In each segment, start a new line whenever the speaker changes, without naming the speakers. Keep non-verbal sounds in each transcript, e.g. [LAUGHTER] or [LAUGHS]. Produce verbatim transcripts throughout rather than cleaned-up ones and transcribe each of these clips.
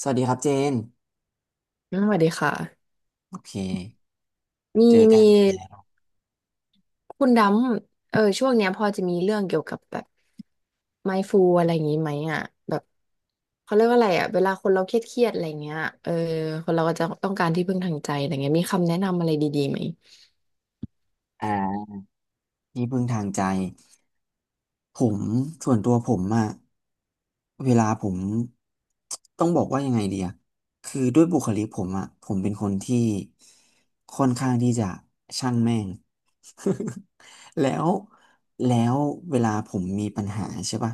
สวัสดีครับเจน
อืมสวัสดีค่ะ
โอเค
มี
เจอ
มี
กันอีกแล้ว
คุณดำเออช่วงเนี้ยพอจะมีเรื่องเกี่ยวกับแบบ mindful อะไรอย่างงี้ไหมอ่ะแบบเขาเรียกว่าอะไรอ่ะเวลาคนเราเครียดเครียดอะไรเงี้ยเออคนเราก็จะต้องการที่พึ่งทางใจอะไรเงี้ยมีคำแนะนำอะไรดีๆไหม
อ่าที่พึ่งทางใจ ผมส่วนตัวผมอะเวลาผมต้องบอกว่ายังไงดีอะคือด้วยบุคลิกผมอะผมเป็นคนที่ค่อนข้างที่จะช่างแม่ง [LAUGHS] แล้วแล้วเวลาผมมีปัญหาใช่ป่ะ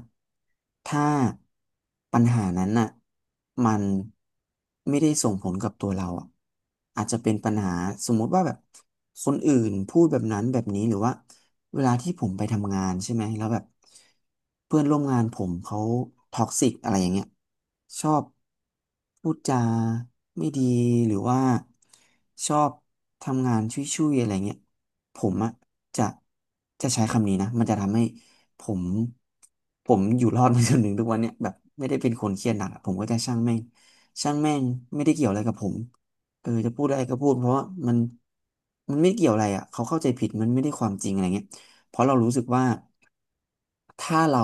ถ้าปัญหานั้นน่ะมันไม่ได้ส่งผลกับตัวเราอะอาจจะเป็นปัญหาสมมุติว่าแบบคนอื่นพูดแบบนั้นแบบนี้หรือว่า เวลาที่ผมไปทำงานใช่ไหมแล้วแบบเพื่อนร่วมงานผมเขาท็อกซิกอะไรอย่างเงี้ยชอบพูดจาไม่ดีหรือว่าชอบทำงานชุยๆอะไรเงี้ยผมอะจะจะใช้คำนี้นะมันจะทำให้ผมผมอยู่รอดมาจนถึงทุกวันเนี้ยแบบไม่ได้เป็นคนเครียดหนักอะผมก็จะช่างแม่งช่างแม่งไม่ได้เกี่ยวอะไรกับผมเออจะพูดอะไรก็พูดเพราะว่ามันมันไม่เกี่ยวอะไรอ่ะเขาเข้าใจผิดมันไม่ได้ความจริงอะไรเงี้ย เพราะเรารู้สึกว่าถ้าเรา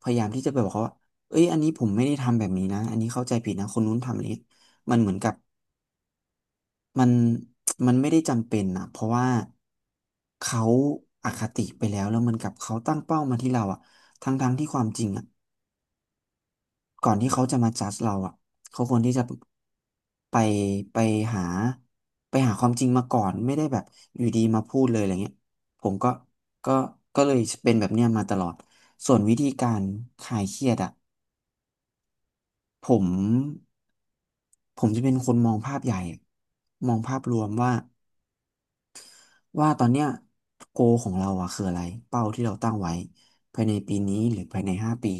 พยายามที่จะไปบอกเขาว่าเอ้ยอันนี้ผมไม่ได้ทำแบบนี้นะอันนี้เข้าใจผิดนะคนนู้นทำอันนี้มันเหมือนกับมันมันไม่ได้จำเป็นนะเพราะว่าเขาอคติไปแล้วแล้วเหมันกับเขาตั้งเป้ามาที่เราอะทั้งๆที่ความจริงอะ ก่อนที่เขาจะมาจัดเราอ่ะเขาควรที่จะไปไปหาไปหาความจริงมาก่อนไม่ได้แบบอยู่ดีมาพูดเลยอะไรเงี้ยผมก็ก็ก็เลยเป็นแบบเนี้ยมาตลอดส่วนวิธีการคลายเครียดอ่ะผมผมจะเป็นคนมองภาพใหญ่มองภาพรวมว่า ว่าตอนเนี้ยโกของเราอะคืออะไรเป้าที่เราตั้งไว้ภายในปีนี้หรือภายในห้าปี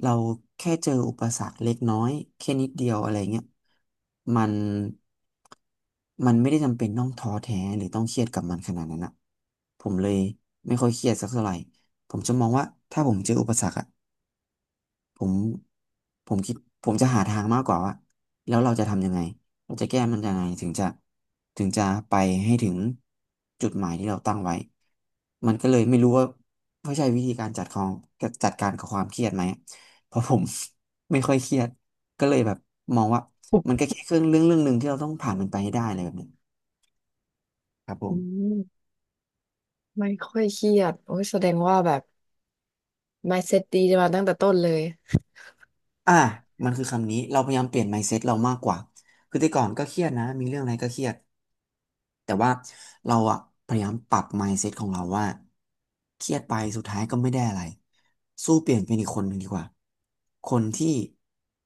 เราแค่เจออุปสรรคเล็กน้อยแค่นิดเดียวอะไรเงี้ยมันมันไม่ได้จำเป็นต้องท้อแท้หรือต้องเครียดกับมันขนาดนั้นอะผมเลยไม่ค่อยเครียดสักเท่าไหร่ผมจะมองว่าถ้าผมเจออุปสรรคอะ ผมผมคิดผมจะหาทางมากกว่าว่าแล้วเราจะทำยังไงเราจะแก้มันยังไงถึงจะถึงจะไปให้ถึงจุดหมายที่เราตั้งไว้มันก็เลยไม่รู้ว่าเขาใช้วิธีการจัดของจัดการกับความเครียดไหมเพราะผม [LAUGHS] ไม่ค่อยเครียดก็เลยแบบมองว่ามันก็แค่เครื่องเรื่องเรื่องหนึ่งที่เราต้องผ่านมันไปให้ได้อะไรแบบเนี้ยครับผ
อื
ม
มไม่ค่อยเครียดโอ้ยแสดงว่าแบบ mindset ดีมาตั้งแต่ต้นเลย
อ่ะมันคือคำนี้เราพยายามเปลี่ยน mindset เรามากกว่าคือแต่ก่อนก็เครียดนะมีเรื่องอะไรก็เครียด แต่ว่าเราอะพยายามปรับ mindset ของเราว่าเครียดไปสุดท้ายก็ไม่ได้อะไรสู้เปลี่ยนเป็นอีกคนหนึ่งดีกว่าคนที่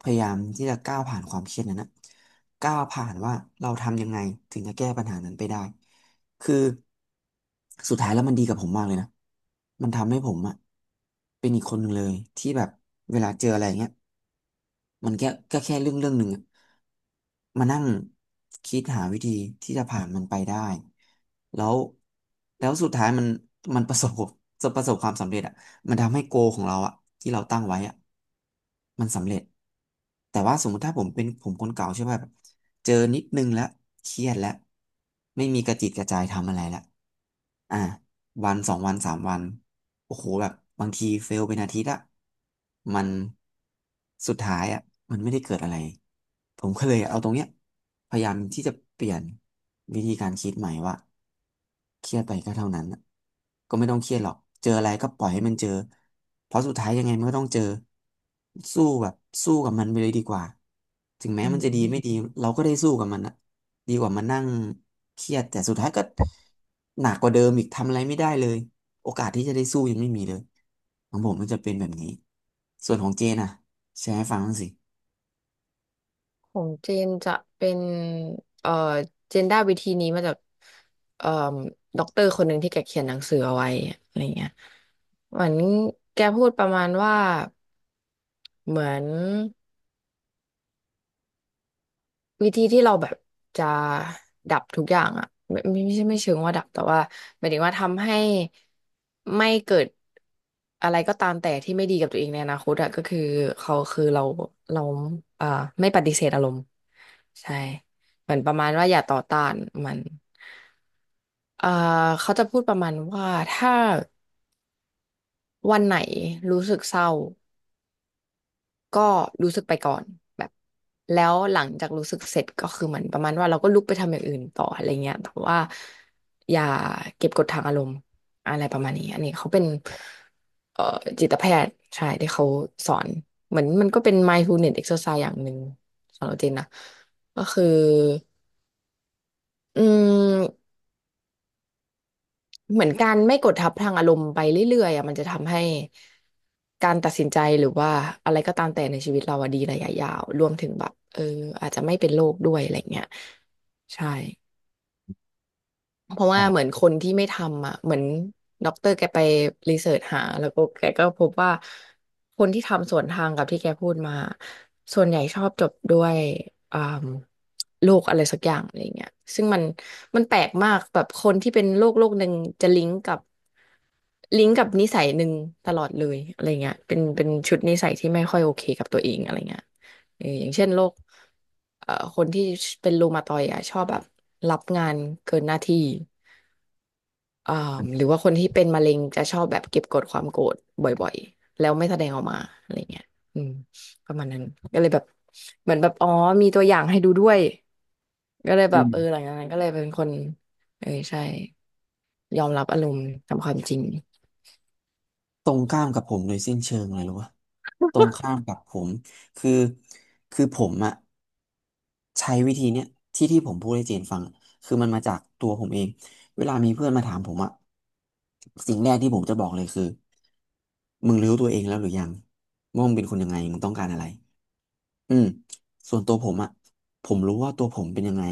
พยายามที่จะก้าวผ่านความเครียดนั้นนะก้าวผ่านว่าเราทำยังไงถึงจะแก้ปัญหานั้นไปได้คือสุดท้ายแล้วมันดีกับผมมากเลยนะมันทำให้ผมอะเป็นอีกคนหนึ่งเลยที่แบบเวลาเจออะไรอย่างเงี้ย มันแค่ก็แค่เรื่องเรื่องหนึ่งอะมานั่งคิดหาวิธีที่จะผ่านมันไปได้แล้วแล้วสุดท้ายมันมันประสบจะประสบความสำเร็จอ่ะมันทำให้โกของเราอ่ะที่เราตั้งไว้อ่ะมันสำเร็จแต่ว่าสมมติถ้าผมเป็นผมคนเก่าใช่ไหมแบบเจอนิดนึงแล้วเครียดแล้วไม่มีกระจิตกระใจทำอะไรแล้วอ่า วันสองวันสามวันโอ้โหแบบบางทีเฟลเป็นอาทิตย์อะมันสุดท้ายอะมันไม่ได้เกิดอะไรผมก็เลยเอาตรงเนี้ยพยายามที่จะเปลี่ยนวิธีการคิดใหม่ว่าเครียดไปก็เท่านั้นอะก็ไม่ต้องเครียดหรอกเจออะไรก็ปล่อยให้มันเจอเพราะสุดท้ายยังไงมันก็ต้องเจอสู้แบบสู้กับมันไปเลยดีกว่าถึงแม้
อื
มันจะดีไม่
ม
ดีเราก็ได้สู้กับมันอะ ดีกว่ามานั่งเครียดแต่สุดท้ายก็หนักกว่าเดิมอีกทำอะไรไม่ได้เลยโอกาสที่จะได้สู้ยังไม่มีเลยของผมมันจะเป็นแบบนี้ส่วนของเจนอ่ะแชร์ให้ฟังบ้างสิ
ของเจนจะเป็นเอ่อเจนได้วิธีนี้มาจากเอ่อด็อกเตอร์คนหนึ่งที่แกเขียนหนังสือเอาไว้อะไรเงี้ยเหมือนแกพูดประมาณว่าเหมือน วิธีที่เราแบบจะดับทุกอย่างอ่ะไม่ไม่ไม่ใช่ไม่เชิงว่าดับแต่ว่าหมายถึงว่าทำให้ไม่เกิดอะไรก็ตามแต่ที่ไม่ดีกับตัวเองในอนาคตอ่ะก็คือเขาคือเราเราเอ่อไม่ปฏิเสธอารมณ์ใช่เหมือนประมาณว่าอย่าต่อต้านมันเอ่อเขาจะพูดประมาณว่าถ้าวันไหนรู้สึกเศร้า ก็รู้สึกไปก่อนแบบแล้วหลังจากรู้สึกเสร็จก็คือเหมือนประมาณว่าเราก็ลุกไปทำอย่างอื่นต่ออะไรเงี้ยแต่ว่าอย่าเก็บกดทางอารมณ์อะไรประมาณนี้อันนี้เขาเป็นเอ่อจิตแพทย์ใช่ที่เขาสอนเหมือนมันก็เป็น mindfulness exercise อย่างหนึ่งสำหรับเจนนะก็คืออืม เหมือนการไม่กดทับพลังอารมณ์ไปเรื่อยๆอ่ะมันจะทำให้การตัดสินใจหรือว่าอะไรก็ตามแต่ในชีวิตเราอะดีระยะยาวรวมถึงแบบเอออาจจะไม่เป็นโรคด้วยอะไรเงี้ยใช่เพราะว่าเหมือ
อ่า
นคนที่ไม่ทำอ่ะเหมือนด็อกเตอร์แกไปรีเสิร์ชหาแล้วก็แกก็พบว่าคนที่ทำสวนทางกับที่แกพูดมาส่วนใหญ่ชอบจบด้วยอ่าโรคอะไรสักอย่างอะไรเงี้ยซึ่งมันมันแปลกมากแบบคนที่เป็นโรคโรคหนึ่งจะลิงก์กับ ลิงก์กับนิสัยหนึ่งตลอดเลยอะไรเงี้ยเป็นเป็นชุดนิสัยที่ไม่ค่อยโอเคกับตัวเองอะไรเงี้ยเอออย่างเช่นโรคเอ่อคนที่เป็นรูมาตอยด์อ่ะชอบแบบรับงานเกินหน้าที่อ่าหรือว่าคนที่เป็นมะเร็งจะชอบแบบเก็บกดความโกรธบ่อยๆแล้วไม่แสดงออกมาอะไรเงี้ยอืมประมาณนั้นก็เลยแบบเหมือนแบบอ๋อมีตัวอย่างให้ดูด้วยก็เลยแบ
อื
บเออห
ม
ลังจากนั้นก็เลยเป็นคนเออใช่ยอมรับอารมณ์ตามความจริง
ตรงข้ามกับผมโดยสิ้นเชิงเลยรู้ปะตรงข้ามกับผมคือคือผมอะ ใช้วิธีเนี้ยที่ที่ผมพูดให้เจนฟังอะคือมันมาจากตัวผมเองเวลามีเพื่อนมาถามผมอะสิ่งแรกที่ผมจะบอกเลยคือมึงรู้ตัวเองแล้วหรือยังว่ามึงเป็นคนยังไงมึงต้องการอะไรอืมส่วนตัวผมอะผมรู้ว่าตัวผมเป็นยังไง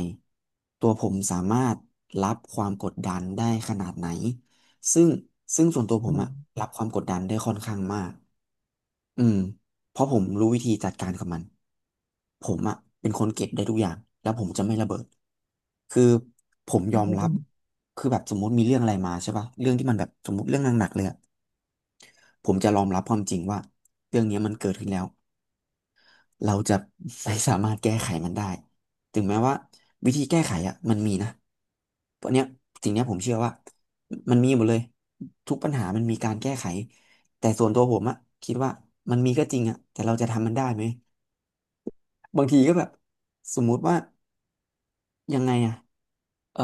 ตัวผมสามารถรับความกดดันได้ขนาดไหนซึ่งซึ่งส่วนตัวผ
อื
มอะ
ม
รับความกดดันได้ค่อนข้างมาก อืมเพราะผมรู้วิธีจัดการกับมันผมอะเป็นคนเก็บได้ทุกอย่างแล้วผมจะไม่ระเบิดคือผมย
อื
อม
ม
รั
อื
บ
ม
คือแบบสมมติมีเรื่องอะไรมาใช่ป่ะเรื่องที่มันแบบสมมติเรื่องหนักๆเลยอะผมจะยอมรับความจริงว่าเรื่องเนี้ยมันเกิดขึ้นแล้ว เราจะไม่สามารถแก้ไขมันได้ถึงแม้ว่าวิธีแก้ไขอ่ะมันมีนะเพราะเนี้ยสิ่งเนี้ยผมเชื่อว่ามันมีหมดเลยทุกปัญหามันมีการแก้ไขแต่ส่วนตัวผมอ่ะคิดว่ามันมีก็จริงอ่ะแต่เราจะทำมันได้ไหมบางทีก็แบบสมมุติว่ายังไงอ่ะเอ่อ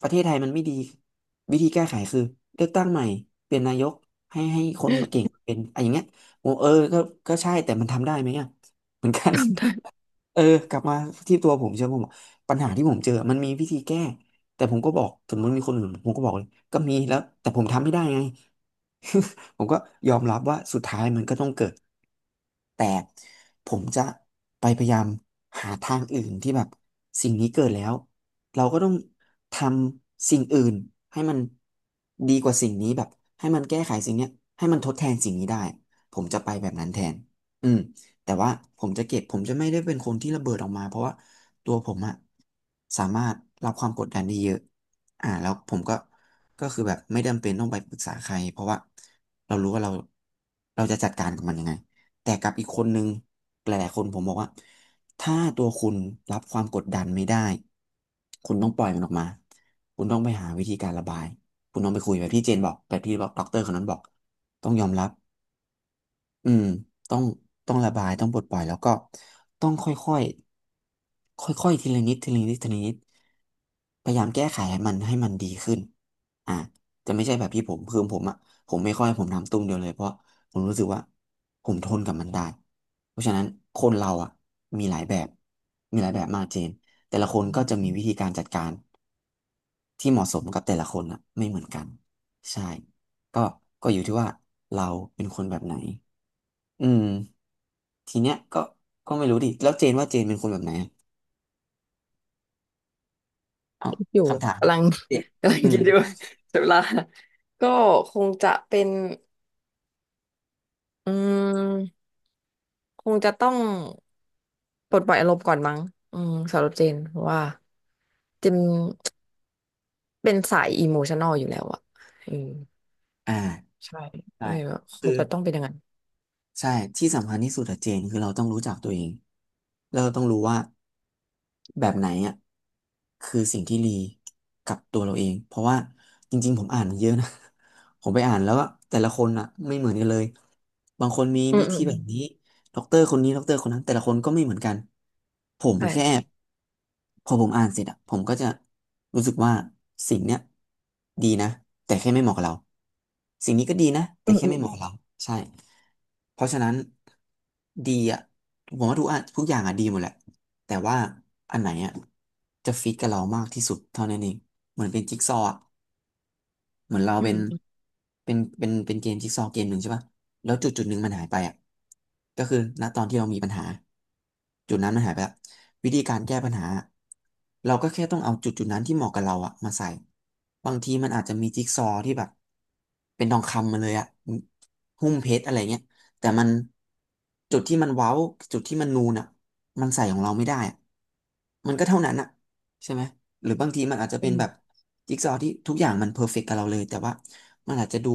ประเทศไทยมันไม่ดีวิธีแก้ไขคือเลือกตั้งใหม่เปลี่ยนนายกให้ให้คนมาเก่งเป็นอะไรอย่างเงี้ยโอ้เออก็ก็ใช่แต่มันทำได้ไหมอ่ะเหมือนกัน เออกลับมาที่ตัวผมเชื่อผมปัญหาที่ผมเจอมันมีวิธีแก้แต่ผมก็บอกถึงมันมีคนอื่นผมก็บอกเลยก็มีแล้วแต่ผมทำไม่ได้ไง [LAUGHS] ผมก็ยอมรับว่าสุดท้ายมันก็ต้องเกิดแต่ผมจะไปพยายามหาทางอื่นที่แบบสิ่งนี้เกิดแล้วเราก็ต้องทำสิ่งอื่นให้มันดีกว่าสิ่งนี้แบบให้มันแก้ไขสิ่งเนี้ยให้มันทดแทนสิ่งนี้ได้ผมจะไปแบบนั้นแทนอืม แต่ว่าผมจะเก็บผมจะไม่ได้เป็นคนที่ระเบิดออกมาเพราะว่าตัวผมอะสามารถรับความกดดันได้เยอะอ่าแล้วผมก็ก็คือแบบไม่จำเป็นต้องไปปรึกษาใครเพราะว่าเรารู้ว่าเราเราจะจัดการกับมันยังไงแต่กับอีกคนนึงหลายๆคนผมบอกว่าถ้าตัวคุณรับความกดดันไม่ได้คุณต้องปล่อยมันออกมาคุณต้องไปหาวิธีการระบายคุณต้องไปคุยแบบที่เจนบอกแบบที่ด็อกเตอร์คนนั้นบอกต้องยอมรับ อืมต้องต้องระบาย ต้องปลดปล่อยแล้วก็ต้องค่อยค่อยค่อยค่อยๆทีละนิดทีละนิดทีละนิดพยายามแก้ไขให้มันให้มันดีขึ้นอ่ะแต่ไม่ใช่แบบที่ผมคือผมอ่ะผมไม่ค่อยผมทำตุ้มเดียวเลยเพราะผมรู้สึกว่าผมทนกับมันได้เพราะฉะนั้นคนเราอ่ะมีหลายแบบมีหลายแบบมากเจนแต่ละคนก็จะมีวิธีการจัดการที่เหมาะสมกับแต่ละคนอ่ะไม่เหมือนกันใช่ก็ก็อยู่ที่ว่าเราเป็นคนแบบไหนอืม ทีเนี้ยก็ก็ไม่รู้ดิแล้วเจนว่าเจนเป็นคนแบบไหนอะเอา
อยู่
คำถามนี้
กำลัง
เด็ก
[LAUGHS] กำลัง
อื
คิ
ม
ดอยู่ [LAUGHS] เสียเวลา [LAUGHS] ก็คงจะเป็นอืมคงจะต้องปลดปล่อยอารมณ์ก่อนมั้งอืมสำหรับเจนเพราะว่าเจนเป็นสายอิโมชัน a ลอยู่แล้วอะอืม
อ่า
ใช่
ได้
อะไรแบบค
คื
ง
อ
จะต้องเป็นอย่างนั้น
ใช่ที่สำคัญที่สุดอะเจนคือเราต้องรู้จักตัวเองแล้วเราต้องรู้ว่าแบบไหนอะคือสิ่งที่ดีกับตัวเราเองเพราะว่าจริงๆผมอ่านมเยอะนะ [LAUGHS] ผมไปอ่านแล้วก็แต่ละคนอะไม่เหมือนกันเลยบางคนมี
อืม
วิ
อื
ธี
มอื
แบบ
ม
นี้ ด็อกเตอร์คนนี้ด็อกเตอร์คนนั้นแต่ละคนก็ไม่เหมือนกันผม
ใช่
แค่พอผมอ่านเสร็จอะผมก็จะรู้สึกว่าสิ่งเนี้ยดีนะแต่แค่ไม่เหมาะกับเราสิ่งนี้ก็ดีนะแต่
อืม
แค่
อื
ไม่
ม
เหมาะกับเราใช่เพราะฉะนั้นดีอะผมว่าทุกอะทุกอย่างอะดีหมดแหละแต่ว่าอันไหนอะจะฟิตกับเรามากที่สุดเท่านั้นเองเหมือนเป็นจิ๊กซอว์อะ เหมือนเรา
อื
เป็
ม
น
อืม
เป็นเป็นเป็นเกมจิ๊กซอว์เกมหนึ่งใช่ป่ะแล้วจุดจุดหนึ่งมันหายไปอ่ะก็คือณตอนที่เรามีปัญหาจุดนั้นมันหายไปละวิธีการแก้ปัญหาเราก็แค่ต้องเอาจุดจุดนั้นที่เหมาะกับเราอ่ะมาใส่บางทีมันอาจจะมีจิ๊กซอว์ที่แบบเป็นทองคำมาเลยอ่ะหุ้มเพชรอะไรเงี้ยแต่มันจุดที่มันเว้าจุดที่มันนูนอ่ะมันใส่ของเราไม่ได้อะมันก็เท่านั้นอ่ะใช่ไหม หรือบางทีมันอาจจะ
อื
เป็นแบบ
ม
จิ๊กซอว์ที่ทุกอย่างมันเพอร์เฟกต์กับเราเลยแต่ว่ามันอาจจะดู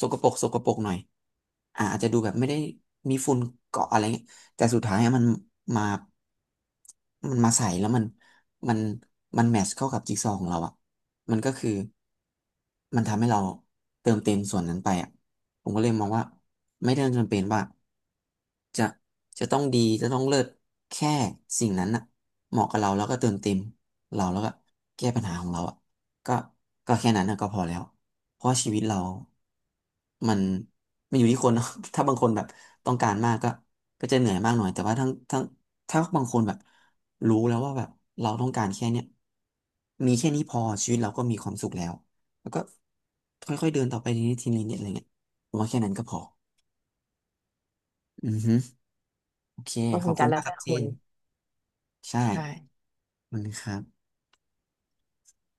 สกปรกสกปรกหน่อยอ่าอาจจะดูแบบไม่ได้มีฝุ่นเกาะอะไรเงี้ยแต่สุดท้ายอะมันมามันมาใส่แล้วมันมันมันแมทช์เข้ากับจิ๊กซอว์ของเราอ่ะมันก็คือมันทำให้เราเติมเต็มส่วนนั้นไปอ่ะผมก็เลยมองว่าไม่ได้จำเป็นว่า จะจะต้องดีจะต้องเลิศแค่สิ่งนั้นน่ะเหมาะกับเราแล้วก็เติมเต็มเราแล้วก็แก้ปัญหาของเราอ่ะก็ก็แค่นั้นน่ะก็พอแล้วเพราะชีวิตเรา มันมันอยู่ที่คนเนอะ [LAUGHS] ถ้าบางคนแบบต้องการมากก็ก็จะเหนื่อยมากหน่อยแต่ว่าทั้งทั้งถ้าบางคนแบบรู้แล้วว่าแบบเราต้องการแค่เนี้ยมีแค่นี้พอชีวิตเราก็มีความสุขแล้วแล้วก็ค่อยๆเดินต่อไปทีนี้ทีนี้เนี่ยอะไรเงี้ยผมว่าแค่นั้นก็พออือฮึ โอเค
ก็
ข
ค
อ
ง
บคุ
จะ
ณ
แล้
มาก
ว
ครั
แต่
บเจ
คน
นใช่
ใช่
มันครับ